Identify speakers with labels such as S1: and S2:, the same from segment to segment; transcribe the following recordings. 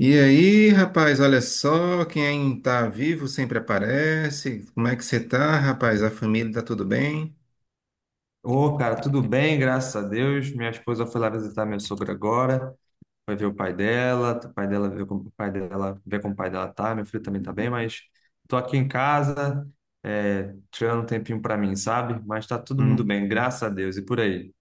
S1: E aí, rapaz, olha só, quem tá vivo sempre aparece. Como é que você tá, rapaz? A família tá tudo bem?
S2: Ô, cara, tudo bem, graças a Deus. Minha esposa foi lá visitar minha sogra agora, vai ver o pai dela, vê como o pai dela tá, meu filho também tá bem, mas tô aqui em casa, tirando um tempinho pra mim, sabe? Mas tá todo mundo bem,
S1: Uhum.
S2: graças a Deus. E por aí?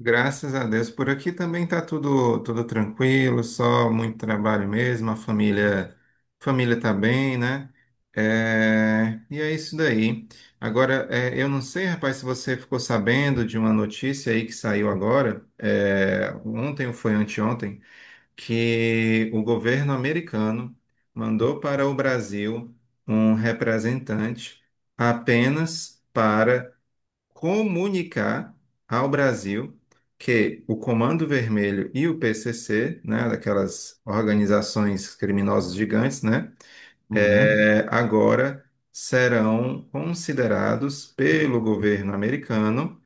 S1: Graças a Deus, por aqui também tá tudo tranquilo, só muito trabalho mesmo, a família tá bem, né? É, e é isso daí. Agora, eu não sei, rapaz, se você ficou sabendo de uma notícia aí que saiu agora, ontem ou foi anteontem, que o governo americano mandou para o Brasil um representante apenas para comunicar ao Brasil que o Comando Vermelho e o PCC, né, daquelas organizações criminosas gigantes, né,
S2: Uhum.
S1: agora serão considerados pelo governo americano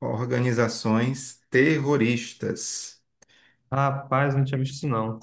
S1: organizações terroristas.
S2: Rapaz, não tinha visto isso não.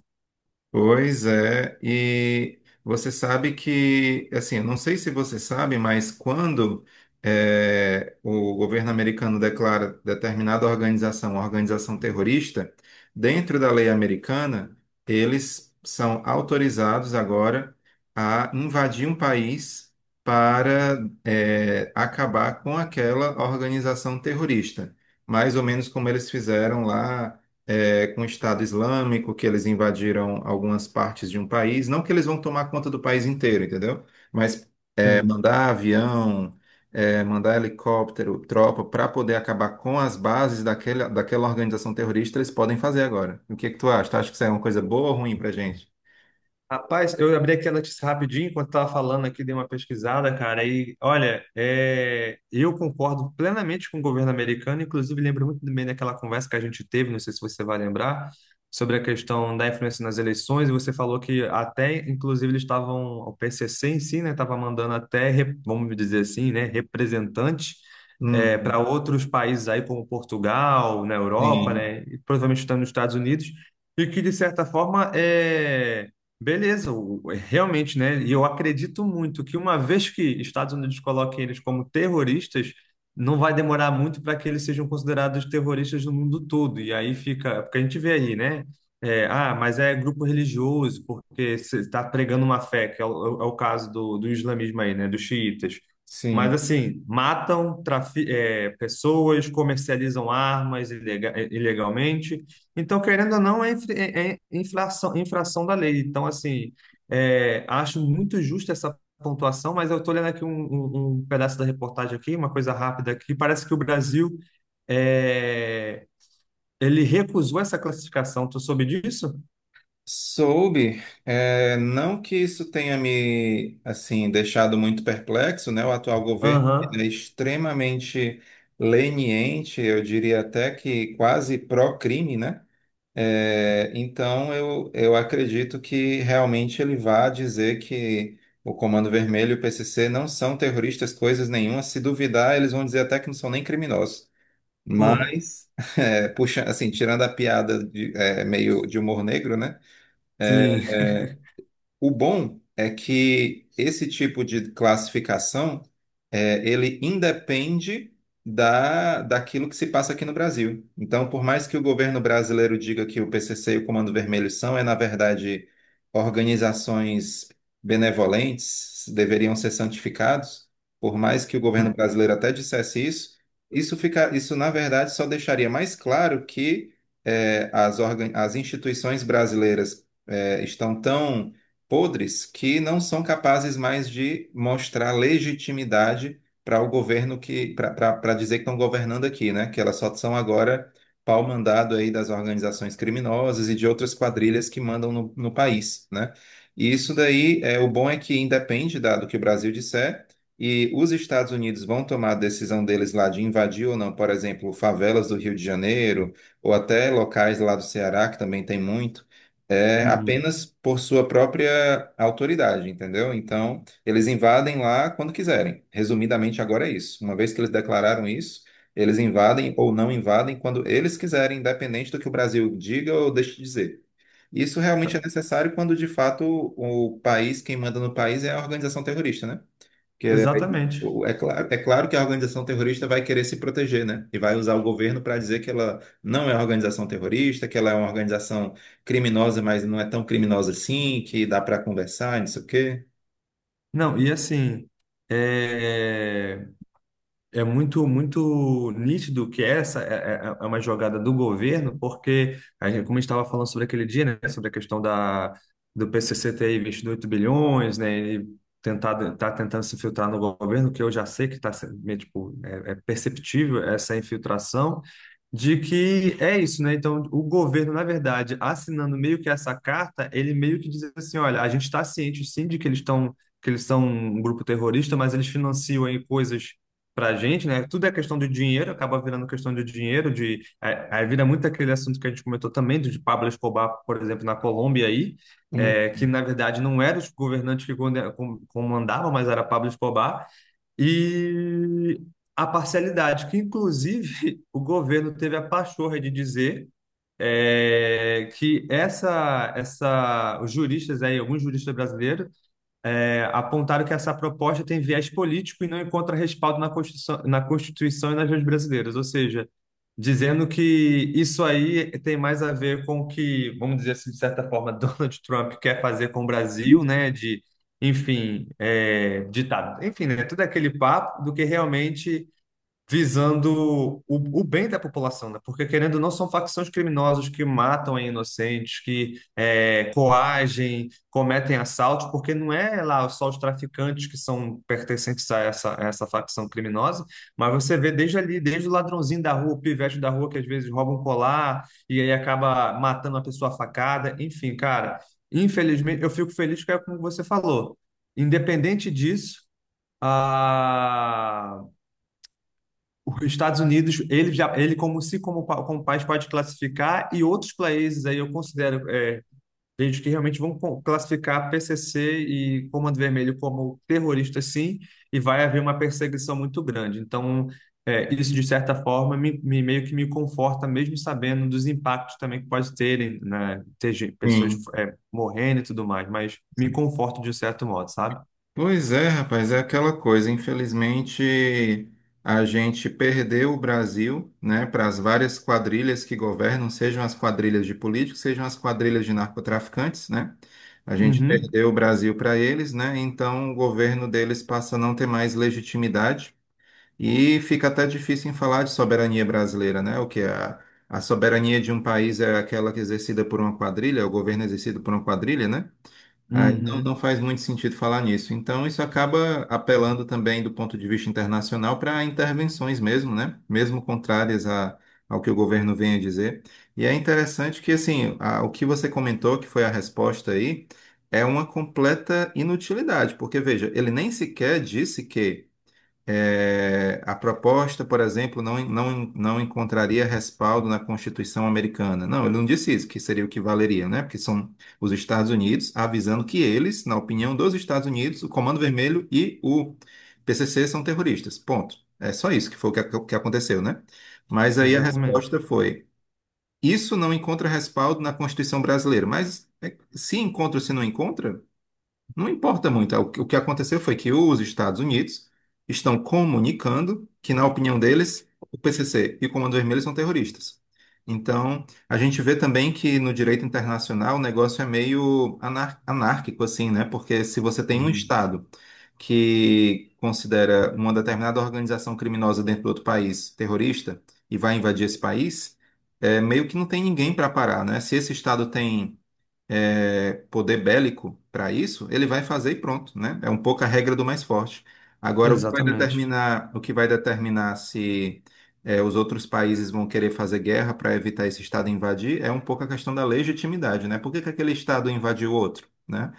S1: Pois é, e você sabe que, assim, eu não sei se você sabe, mas quando o governo americano declara determinada organização, uma organização terrorista, dentro da lei americana, eles são autorizados agora a invadir um país para acabar com aquela organização terrorista, mais ou menos como eles fizeram lá com o Estado Islâmico, que eles invadiram algumas partes de um país. Não que eles vão tomar conta do país inteiro, entendeu? Mas é,
S2: Hum.
S1: mandar avião, é, mandar helicóptero, tropa, para poder acabar com as bases daquela, daquela organização terrorista, eles podem fazer agora. O que é que tu acha? Tu acha que isso é uma coisa boa ou ruim pra gente?
S2: Rapaz, eu abri aqui a notícia rapidinho enquanto estava falando aqui, dei uma pesquisada, cara, e olha, eu concordo plenamente com o governo americano, inclusive lembro muito bem daquela conversa que a gente teve, não sei se você vai lembrar, sobre a questão da influência nas eleições, e você falou que até, inclusive, eles estavam, o PCC em si, né, estava mandando até, vamos dizer assim, né, representante para
S1: Hum,
S2: outros países aí, como Portugal, na Europa,
S1: e-
S2: né, e provavelmente também nos Estados Unidos, e que, de certa forma, beleza, realmente, né? E eu acredito muito que uma vez que Estados Unidos coloquem eles como terroristas, não vai demorar muito para que eles sejam considerados terroristas no mundo todo. E aí fica, é porque a gente vê aí, né? É, ah, mas é grupo religioso, porque você está pregando uma fé, que é o caso do islamismo aí, né? Dos xiitas. Mas
S1: sim.
S2: assim, matam pessoas, comercializam armas ilegalmente. Então, querendo ou não, inflação, infração da lei. Então, assim, acho muito justa essa pontuação, mas eu estou lendo aqui um pedaço da reportagem aqui, uma coisa rápida aqui. Parece que o Brasil é, ele recusou essa classificação. Tu soube disso?
S1: Soube, é, não que isso tenha me assim deixado muito perplexo, né? O atual governo ele é
S2: Aham.
S1: extremamente leniente, eu diria até que quase pró-crime, né? É, então eu acredito que realmente ele vá dizer que o Comando Vermelho e o PCC não são terroristas, coisas nenhuma. Se duvidar, eles vão dizer até que não são nem criminosos.
S2: Pô,
S1: Mas, é, puxa, assim, tirando a piada de, é, meio de humor negro, né?
S2: sim.
S1: O bom é que esse tipo de classificação, é, ele independe daquilo que se passa aqui no Brasil. Então, por mais que o governo brasileiro diga que o PCC e o Comando Vermelho são, é na verdade, organizações benevolentes, deveriam ser santificados, por mais que o governo brasileiro até dissesse isso, isso fica, isso na verdade só deixaria mais claro que é, as, as instituições brasileiras é, estão tão podres que não são capazes mais de mostrar legitimidade para o governo que para dizer que estão governando aqui, né? Que elas só são agora pau mandado aí das organizações criminosas e de outras quadrilhas que mandam no país, né? E isso daí é o bom é que independe do que o Brasil disser e os Estados Unidos vão tomar a decisão deles lá de invadir ou não, por exemplo, favelas do Rio de Janeiro ou até locais lá do Ceará que também tem muito é
S2: Uhum.
S1: apenas por sua própria autoridade, entendeu? Então, eles invadem lá quando quiserem. Resumidamente, agora é isso. Uma vez que eles declararam isso, eles invadem ou não invadem quando eles quiserem, independente do que o Brasil diga ou deixe de dizer. Isso realmente é necessário quando, de fato, o país, quem manda no país é a organização terrorista, né?
S2: Exatamente.
S1: É claro que a organização terrorista vai querer se proteger, né? E vai usar o governo para dizer que ela não é organização terrorista, que ela é uma organização criminosa, mas não é tão criminosa assim, que dá para conversar, não sei o quê.
S2: Não, e assim, é, é muito, muito nítido que essa é uma jogada do governo, porque, como a gente estava falando sobre aquele dia, né, sobre a questão do PCC ter investido 8 bilhões, né, e tentado, tá tentando se infiltrar no governo, que eu já sei que está, tipo, é perceptível essa infiltração, de que é isso, né? Então, o governo, na verdade, assinando meio que essa carta, ele meio que diz assim, olha, a gente está ciente, sim, de que eles estão, que eles são um grupo terrorista, mas eles financiam aí coisas pra gente, né? Tudo é questão de dinheiro, acaba virando questão de dinheiro, de a vira muito aquele assunto que a gente comentou também, do de Pablo Escobar, por exemplo, na Colômbia aí,
S1: Hum.
S2: que na verdade não eram os governantes que comandavam, mas era Pablo Escobar, e a parcialidade, que inclusive o governo teve a pachorra de dizer que essa, os juristas aí, alguns juristas brasileiros apontaram que essa proposta tem viés político e não encontra respaldo na Constituição, e nas leis brasileiras, ou seja, dizendo que isso aí tem mais a ver com o que, vamos dizer assim, de certa forma, Donald Trump quer fazer com o Brasil, né, de, enfim, ditado, enfim, né, tudo é aquele papo do que realmente visando o bem da população, né? Porque querendo ou não, são facções criminosas que matam aí inocentes, que coagem, cometem assaltos, porque não é lá só os traficantes que são pertencentes a essa facção criminosa, mas você vê desde ali, desde o ladrãozinho da rua, o pivete da rua que às vezes rouba um colar e aí acaba matando uma pessoa a facada, enfim, cara. Infelizmente, eu fico feliz que é como você falou. Independente disso, a os Estados Unidos, ele já, ele como se como, pa- como país pode classificar e outros países aí eu considero gente que realmente vão classificar PCC e Comando Vermelho como terrorista, sim, e vai haver uma perseguição muito grande. Então, isso de certa forma me, meio que me conforta, mesmo sabendo dos impactos também que pode terem, né, pessoas
S1: Sim.
S2: morrendo e tudo mais, mas me conforta de um certo modo, sabe?
S1: Pois é, rapaz, é aquela coisa. Infelizmente, a gente perdeu o Brasil, né, para as várias quadrilhas que governam, sejam as quadrilhas de políticos, sejam as quadrilhas de narcotraficantes, né? A gente
S2: Uhum,
S1: perdeu o Brasil para eles, né? Então o governo deles passa a não ter mais legitimidade e fica até difícil em falar de soberania brasileira, né? O que é a soberania de um país é aquela que é exercida por uma quadrilha, é o governo é exercido por uma quadrilha, né? Aí não
S2: uhum,
S1: faz muito sentido falar nisso. Então, isso acaba apelando também do ponto de vista internacional para intervenções mesmo, né? Mesmo contrárias ao que o governo vem a dizer. E é interessante que, assim, o que você comentou, que foi a resposta aí, é uma completa inutilidade, porque, veja, ele nem sequer disse que. É, a proposta, por exemplo, não encontraria respaldo na Constituição americana. Não, ele não disse isso, que seria o que valeria, né? Porque são os Estados Unidos avisando que eles, na opinião dos Estados Unidos, o Comando Vermelho e o PCC são terroristas. Ponto. É só isso que foi o que, que aconteceu, né? Mas aí a
S2: exatamente.
S1: resposta foi: isso não encontra respaldo na Constituição brasileira. Mas é, se encontra ou se não encontra, não importa muito. É, o que o que aconteceu foi que os Estados Unidos estão comunicando que, na opinião deles, o PCC e o Comando Vermelho são terroristas. Então, a gente vê também que no direito internacional o negócio é meio anárquico, assim, né? Porque se você tem um
S2: Uhum,
S1: Estado que considera uma determinada organização criminosa dentro do outro país terrorista e vai invadir esse país, é, meio que não tem ninguém para parar, né? Se esse Estado tem é, poder bélico para isso, ele vai fazer e pronto, né? É um pouco a regra do mais forte. Agora,
S2: exatamente.
S1: o que vai determinar se é, os outros países vão querer fazer guerra para evitar esse Estado invadir é um pouco a questão da legitimidade, né? Por que que aquele Estado invadiu outro, né?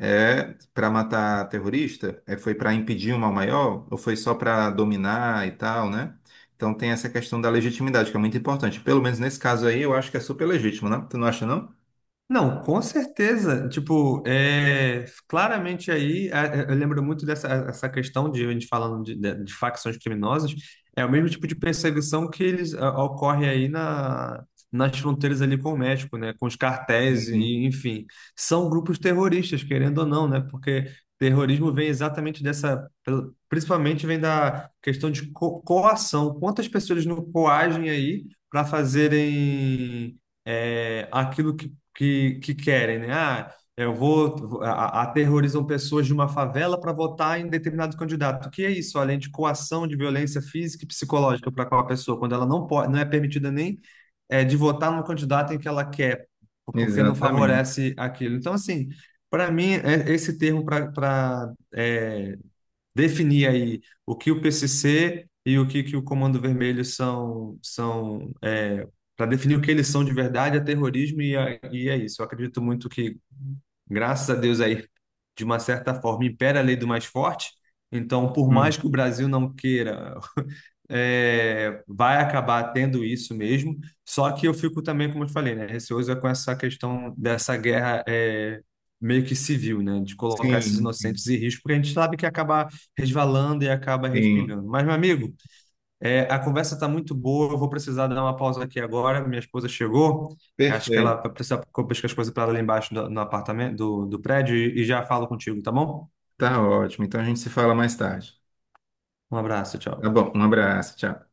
S1: É para matar terrorista? É, foi para impedir um mal maior? Ou foi só para dominar e tal, né? Então tem essa questão da legitimidade, que é muito importante. Pelo menos nesse caso aí, eu acho que é super legítimo, né? Tu não acha, não?
S2: Não, com certeza. Tipo, claramente aí, eu lembro muito dessa essa questão de a gente falando de facções criminosas, é o mesmo tipo de perseguição que ocorre aí nas fronteiras ali com o México, né? Com os cartéis
S1: Uhum.
S2: e, enfim, são grupos terroristas, querendo ou não, né? Porque terrorismo vem exatamente dessa, principalmente vem da questão de co coação. Quantas pessoas não coagem aí para fazerem aquilo que querem, né? Ah, eu vou aterrorizam pessoas de uma favela para votar em determinado candidato. O que é isso? Além de coação de violência física e psicológica para aquela pessoa, quando ela não pode, não é permitida nem de votar no candidato em que ela quer, porque não
S1: Exatamente.
S2: favorece aquilo. Então, assim, para mim, esse termo para definir aí o que o PCC e o que o Comando Vermelho são, para definir o que eles são de verdade, é terrorismo e é isso. Eu acredito muito que graças a Deus aí, de uma certa forma, impera a lei do mais forte. Então, por mais
S1: Hum,
S2: que o Brasil não queira, vai acabar tendo isso mesmo. Só que eu fico também, como eu te falei, né, receoso com essa questão dessa guerra meio que civil, né, de colocar esses
S1: Sim, sim,
S2: inocentes em risco, porque a gente sabe que acaba resvalando e acaba
S1: sim.
S2: respingando. Mas, meu amigo, a conversa está muito boa. Eu vou precisar dar uma pausa aqui agora. Minha esposa chegou. Acho que ela
S1: Perfeito.
S2: vai precisar pescar as coisas para ela lá embaixo no apartamento, do prédio e já falo contigo, tá bom?
S1: Tá ótimo. Então a gente se fala mais tarde.
S2: Um abraço,
S1: Tá
S2: tchau.
S1: bom, um abraço, tchau.